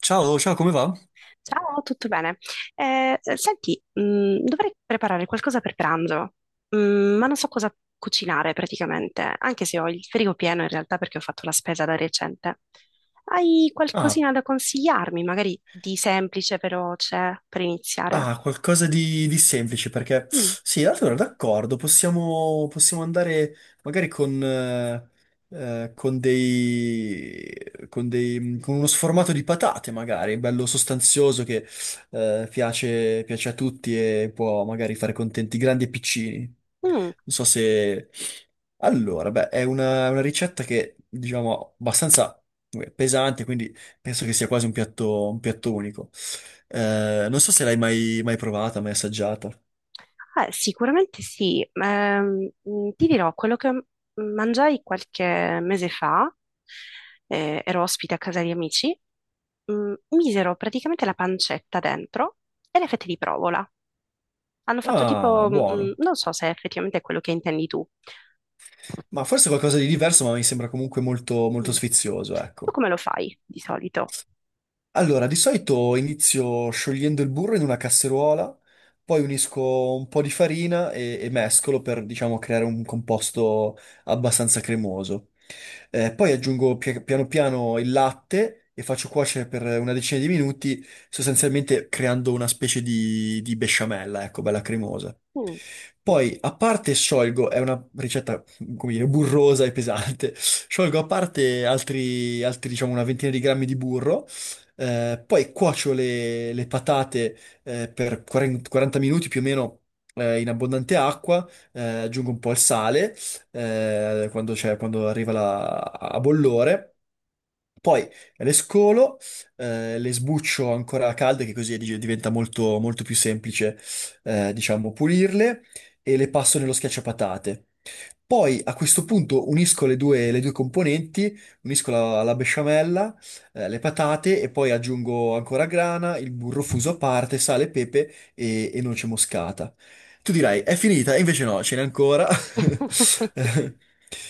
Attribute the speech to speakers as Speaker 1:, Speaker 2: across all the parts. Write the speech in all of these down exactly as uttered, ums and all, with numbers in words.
Speaker 1: Ciao, ciao, come va?
Speaker 2: Ciao, tutto bene? Eh, senti, mh, dovrei preparare qualcosa per pranzo, mh, ma non so cosa cucinare praticamente, anche se ho il frigo pieno in realtà perché ho fatto la spesa da recente. Hai
Speaker 1: Ah,
Speaker 2: qualcosina da consigliarmi, magari di semplice, veloce, per iniziare?
Speaker 1: ah, qualcosa di, di semplice perché
Speaker 2: Mm,
Speaker 1: sì, allora d'accordo, possiamo, possiamo andare magari con, eh, eh, con dei, con dei, con uno sformato di patate, magari, bello sostanzioso che eh, piace, piace a tutti e può magari fare contenti grandi e piccini.
Speaker 2: mm.
Speaker 1: Non so se... Allora, beh, è una, una ricetta che, diciamo, abbastanza eh, pesante, quindi penso che sia quasi un piatto, un piatto unico. Eh, non so se l'hai mai, mai provata, mai assaggiata.
Speaker 2: Eh, sicuramente sì. Ehm, mh, ti dirò, quello che m- mangiai qualche mese fa, eh, ero ospite a casa di amici, mh, misero praticamente la pancetta dentro e le fette di provola. Hanno fatto
Speaker 1: Ah,
Speaker 2: tipo, mh,
Speaker 1: buono.
Speaker 2: non so se effettivamente è effettivamente quello che intendi tu.
Speaker 1: Ma forse qualcosa di diverso, ma mi sembra comunque molto, molto
Speaker 2: Mm.
Speaker 1: sfizioso,
Speaker 2: Tu
Speaker 1: ecco.
Speaker 2: come lo fai di solito?
Speaker 1: Allora, di solito inizio sciogliendo il burro in una casseruola, poi unisco un po' di farina e, e mescolo per, diciamo, creare un composto abbastanza cremoso. Eh, poi aggiungo pia- piano piano il latte e faccio cuocere per una decina di minuti, sostanzialmente creando una specie di, di besciamella, ecco, bella cremosa.
Speaker 2: Mm.
Speaker 1: Poi, a parte sciolgo, è una ricetta, come dire, burrosa e pesante. Sciolgo a parte altri, altri, diciamo, una ventina di grammi di burro, eh, poi cuocio le, le patate, eh, per 40 40 minuti più o meno, eh, in abbondante acqua, eh, aggiungo un po' il sale, eh, quando c'è- quando arriva la- a bollore. Poi le scolo, eh, le sbuccio ancora calde, che così dig- diventa molto, molto più semplice, eh, diciamo, pulirle e le passo nello schiacciapatate. Poi a questo punto unisco le due, le due componenti, unisco la, la besciamella, eh, le patate e poi aggiungo ancora grana, il burro fuso a parte, sale, pepe e, e noce moscata. Tu dirai, è finita? E invece no, ce n'è ancora. Eh,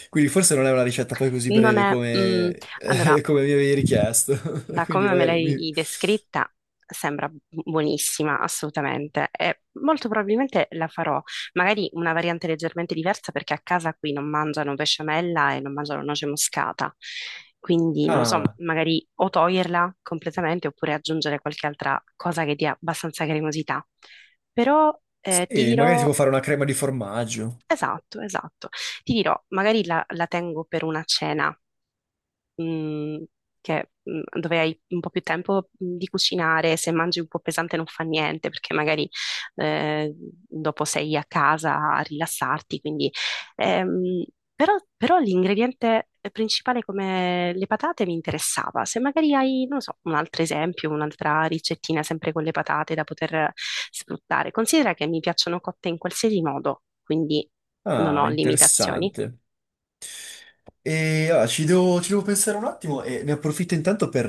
Speaker 1: Quindi forse non è una ricetta poi così
Speaker 2: Non
Speaker 1: breve
Speaker 2: è... mm,
Speaker 1: come, eh,
Speaker 2: allora,
Speaker 1: come mi avevi richiesto.
Speaker 2: da
Speaker 1: Quindi
Speaker 2: come me
Speaker 1: magari mi...
Speaker 2: l'hai descritta, sembra buonissima, assolutamente. E molto probabilmente la farò, magari una variante leggermente diversa, perché a casa qui non mangiano besciamella e non mangiano noce moscata. Quindi, non lo so,
Speaker 1: Ah,
Speaker 2: magari o toglierla completamente oppure aggiungere qualche altra cosa che dia abbastanza cremosità. Però eh, ti
Speaker 1: sì, magari si
Speaker 2: dirò,
Speaker 1: può fare una crema di formaggio.
Speaker 2: esatto, esatto, ti dirò, magari la la tengo per una cena mh, che mh, dove hai un po' più tempo mh, di cucinare, se mangi un po' pesante non fa niente, perché magari eh, dopo sei a casa a rilassarti, quindi ehm, però, però l'ingrediente principale come le patate mi interessava. Se magari hai, non so, un altro esempio, un'altra ricettina sempre con le patate da poter sfruttare. Considera che mi piacciono cotte in qualsiasi modo, quindi non
Speaker 1: Ah,
Speaker 2: ho limitazioni.
Speaker 1: interessante. E allora, ci devo, ci devo pensare un attimo e ne approfitto intanto per,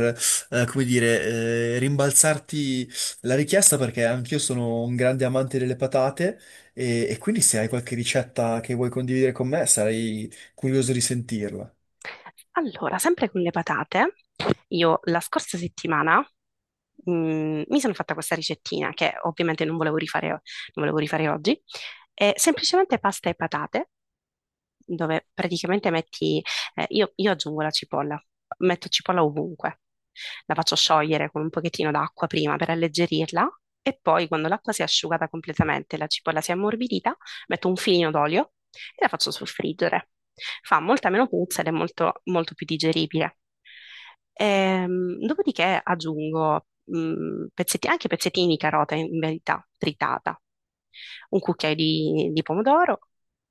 Speaker 1: eh, come dire, eh, rimbalzarti la richiesta perché anch'io sono un grande amante delle patate e, e quindi se hai qualche ricetta che vuoi condividere con me sarei curioso di sentirla.
Speaker 2: Allora, sempre con le patate, io la scorsa settimana mm, mi sono fatta questa ricettina che ovviamente non volevo rifare, non volevo rifare oggi, è semplicemente pasta e patate dove praticamente metti, eh, io, io aggiungo la cipolla, metto cipolla ovunque, la faccio sciogliere con un pochettino d'acqua prima per alleggerirla e poi quando l'acqua si è asciugata completamente e la cipolla si è ammorbidita, metto un filino d'olio e la faccio soffriggere. Fa molta meno puzza ed è molto, molto più digeribile. Ehm, dopodiché aggiungo mh, pezzetti- anche pezzettini di carota in verità tritata, un cucchiaio di di pomodoro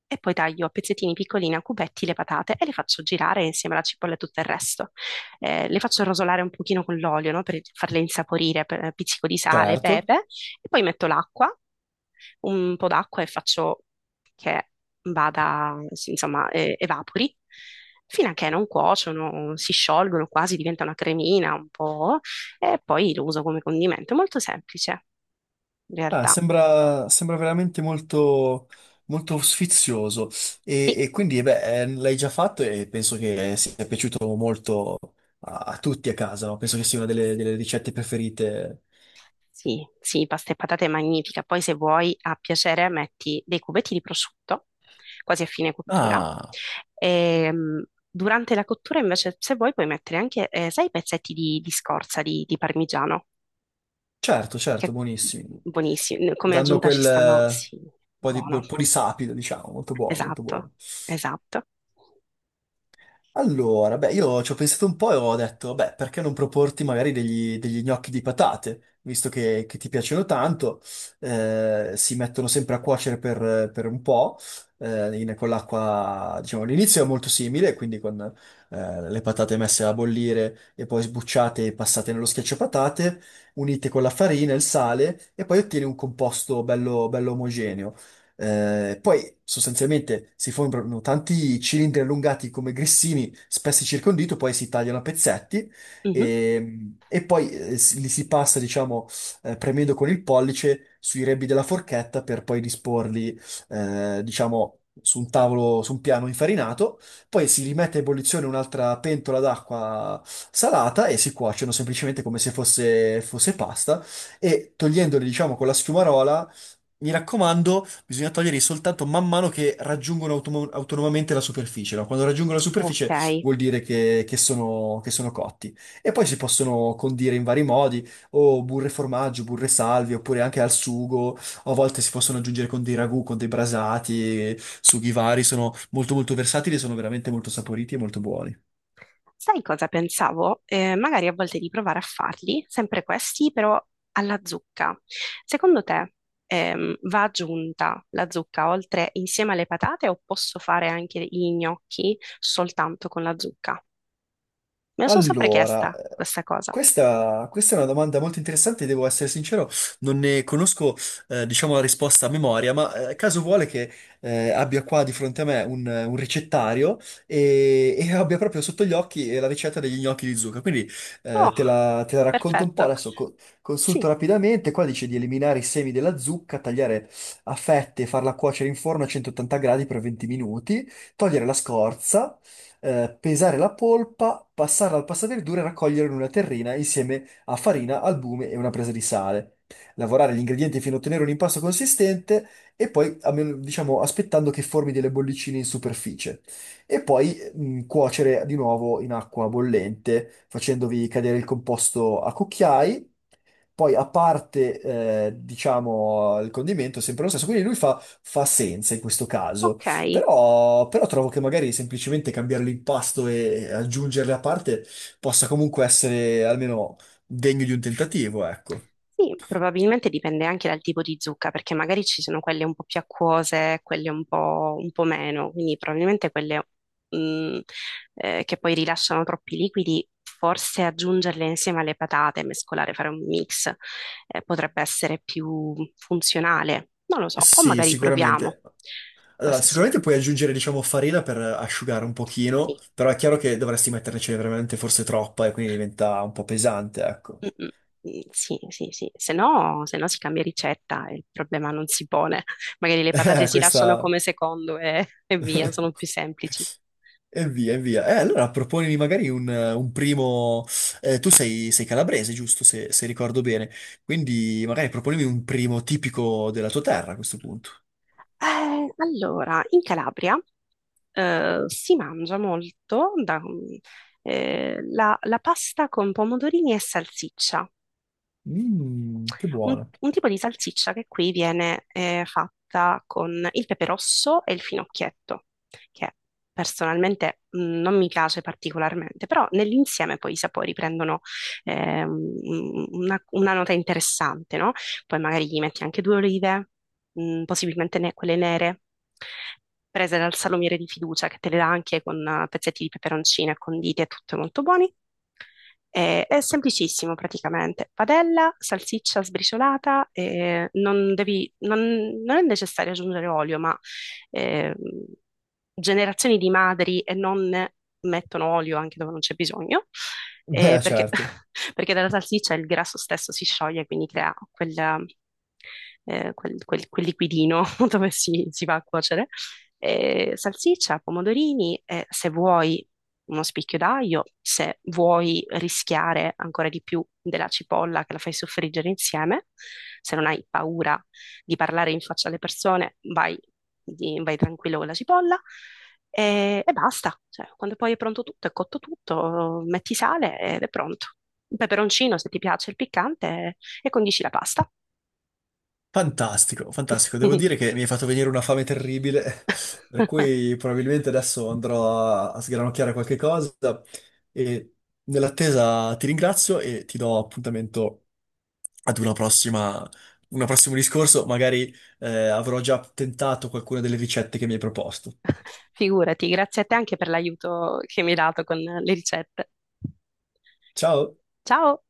Speaker 2: e poi taglio a pezzettini piccolini, a cubetti, le patate e le faccio girare insieme alla cipolla e tutto il resto. Eh, le faccio rosolare un pochino con l'olio, no? Per farle insaporire, per eh, pizzico di sale,
Speaker 1: Certo.
Speaker 2: pepe, e poi metto l'acqua, un po' d'acqua e faccio che vada, sì, insomma, eh, evapori. Fino a che non cuociono, si sciolgono quasi, diventa una cremina un po', e poi lo uso come condimento. È molto semplice, in
Speaker 1: Ah,
Speaker 2: realtà.
Speaker 1: sembra, sembra veramente molto, molto sfizioso e,
Speaker 2: Sì.
Speaker 1: e quindi eh beh, eh, l'hai già fatto e penso che sia piaciuto molto a, a tutti a casa, no? Penso che sia una delle delle ricette preferite.
Speaker 2: Sì, sì, pasta e patate è magnifica. Poi se vuoi, a piacere, metti dei cubetti di prosciutto, quasi a fine cottura.
Speaker 1: Ah,
Speaker 2: Ehm, durante la cottura, invece, se vuoi, puoi mettere anche, eh, sai, i pezzetti di, di scorza di, di parmigiano,
Speaker 1: certo,
Speaker 2: che è
Speaker 1: certo, buonissimi.
Speaker 2: buonissimo. Come
Speaker 1: Danno
Speaker 2: aggiunta ci
Speaker 1: quel
Speaker 2: stanno,
Speaker 1: eh,
Speaker 2: sì,
Speaker 1: po' di,
Speaker 2: buono.
Speaker 1: po' di sapido, diciamo, molto buono, molto
Speaker 2: Esatto,
Speaker 1: buono.
Speaker 2: esatto.
Speaker 1: Allora, beh, io ci ho pensato un po' e ho detto, beh, perché non proporti magari degli, degli gnocchi di patate, visto che, che ti piacciono tanto, eh, si mettono sempre a cuocere per, per un po', eh, in- con l'acqua, diciamo, all'inizio è molto simile, quindi con eh, le patate messe a bollire e poi sbucciate e passate nello schiacciapatate, unite con la farina e il sale, e poi ottieni un composto bello, bello omogeneo. Eh, poi sostanzialmente si formano tanti cilindri allungati come grissini, spessi circa un dito, poi si tagliano a pezzetti
Speaker 2: Mhm.
Speaker 1: e, e poi eh, si- li si passa, diciamo, eh, premendo con il pollice sui rebbi della forchetta per poi disporli, eh, diciamo, su un tavolo, su un piano infarinato. Poi si rimette a ebollizione un'altra pentola d'acqua salata e si cuociono semplicemente come se fosse, fosse pasta e togliendoli, diciamo, con la schiumarola, mi raccomando, bisogna toglierli soltanto man mano che raggiungono automo- autonomamente la superficie, no? Quando raggiungono la
Speaker 2: Ok,
Speaker 1: superficie vuol dire che, che sono, che sono cotti. E poi si possono condire in vari modi, o burre e formaggio, burre e salvie, oppure anche al sugo, o a volte si possono aggiungere con dei ragù, con dei brasati, sughi vari, sono molto molto versatili, e sono veramente molto saporiti e molto buoni.
Speaker 2: sai cosa pensavo? Eh, magari a volte di provare a farli, sempre questi, però alla zucca. Secondo te, ehm, va aggiunta la zucca oltre insieme alle patate o posso fare anche gli gnocchi soltanto con la zucca? Me lo sono sempre
Speaker 1: Allora,
Speaker 2: chiesta
Speaker 1: eh,
Speaker 2: questa cosa.
Speaker 1: questa, questa è una domanda molto interessante, devo essere sincero, non ne conosco, eh, diciamo, la risposta a memoria, ma eh, caso vuole che eh, abbia qua di fronte a me un, un ricettario e, e abbia proprio sotto gli occhi eh, la ricetta degli gnocchi di zucca. Quindi eh, te
Speaker 2: Oh,
Speaker 1: la, te la racconto un po',
Speaker 2: perfetto.
Speaker 1: adesso co- consulto
Speaker 2: Sì,
Speaker 1: rapidamente, qua dice di eliminare i semi della zucca, tagliare a fette e farla cuocere in forno a centottanta gradi per venti minuti, togliere la scorza, eh, pesare la polpa, passarla al passaverdure e raccogliere in una terrina insieme a farina, albume e una presa di sale. Lavorare gli ingredienti fino a ottenere un impasto consistente e poi, a meno- diciamo, aspettando che formi delle bollicine in superficie. E poi mh, cuocere di nuovo in acqua bollente, facendovi cadere il composto a cucchiai, poi, a parte, eh, diciamo, il condimento, è sempre lo stesso. Quindi lui fa, fa senza in questo caso.
Speaker 2: ok.
Speaker 1: Però, però trovo che magari semplicemente cambiare l'impasto e aggiungerle a parte possa comunque essere almeno degno di un tentativo, ecco.
Speaker 2: Sì, probabilmente dipende anche dal tipo di zucca, perché magari ci sono quelle un po' più acquose, quelle un po', un po' meno, quindi probabilmente quelle mh, eh, che poi rilasciano troppi liquidi, forse aggiungerle insieme alle patate, mescolare, fare un mix, eh, potrebbe essere più funzionale, non lo so, o
Speaker 1: Sì,
Speaker 2: magari proviamo.
Speaker 1: sicuramente. Allora,
Speaker 2: Questo sì.
Speaker 1: sicuramente puoi aggiungere, diciamo, farina per asciugare un pochino,
Speaker 2: Sì.
Speaker 1: però è chiaro che dovresti metternecene veramente forse troppa e quindi diventa un po' pesante, ecco.
Speaker 2: Mm, mm, sì, sì, sì, se no, se no si cambia ricetta e il problema non si pone. Magari le patate
Speaker 1: Eh,
Speaker 2: si lasciano
Speaker 1: Questa...
Speaker 2: come secondo e, e via, sono più semplici.
Speaker 1: E via, e via. Eh, allora proponimi magari un, un primo... eh, tu sei, sei calabrese, giusto, se, se ricordo bene. Quindi magari proponimi un primo tipico della tua terra a questo punto.
Speaker 2: Eh, allora, in Calabria eh, si mangia molto da- mm, eh, la, la pasta con pomodorini e salsiccia.
Speaker 1: Mm, che
Speaker 2: un,
Speaker 1: buono.
Speaker 2: un tipo di salsiccia che qui viene eh, fatta con il pepe rosso e il finocchietto, che personalmente mh, non mi piace particolarmente, però nell'insieme poi i sapori prendono eh, un- una, una nota interessante, no? Poi magari gli metti anche due olive, mh, possibilmente ne- quelle nere, prese dal salumiere di fiducia che te le dà anche con eh, pezzetti di peperoncino e conditi e tutto è molto buoni. Eh, è semplicissimo praticamente. Padella, salsiccia sbriciolata, eh, non devi- non- non è necessario aggiungere olio, ma eh, generazioni di madri e nonne mettono olio anche dove non c'è bisogno, eh,
Speaker 1: Eh,
Speaker 2: perché,
Speaker 1: certo.
Speaker 2: perché dalla salsiccia il grasso stesso si scioglie, quindi crea quel, eh, quel- quel- quel liquidino dove si, si va a cuocere eh, salsiccia, pomodorini, eh, se vuoi uno spicchio d'aglio, se vuoi rischiare ancora di più della cipolla che la fai soffriggere insieme, se non hai paura di parlare in faccia alle persone, vai, di- vai tranquillo con la cipolla e, e basta. Cioè, quando poi è pronto tutto, è cotto tutto, metti sale ed è pronto. Un peperoncino, se ti piace il piccante, e condisci la pasta.
Speaker 1: Fantastico, fantastico. Devo dire che mi hai fatto venire una fame terribile, per cui probabilmente adesso andrò a, a sgranocchiare qualche cosa e nell'attesa ti ringrazio e ti do appuntamento ad una prossima, un prossimo discorso. Magari eh, avrò già tentato qualcuna delle ricette che mi hai proposto.
Speaker 2: Figurati, grazie a te anche per l'aiuto che mi hai dato con le ricette.
Speaker 1: Ciao!
Speaker 2: Ciao!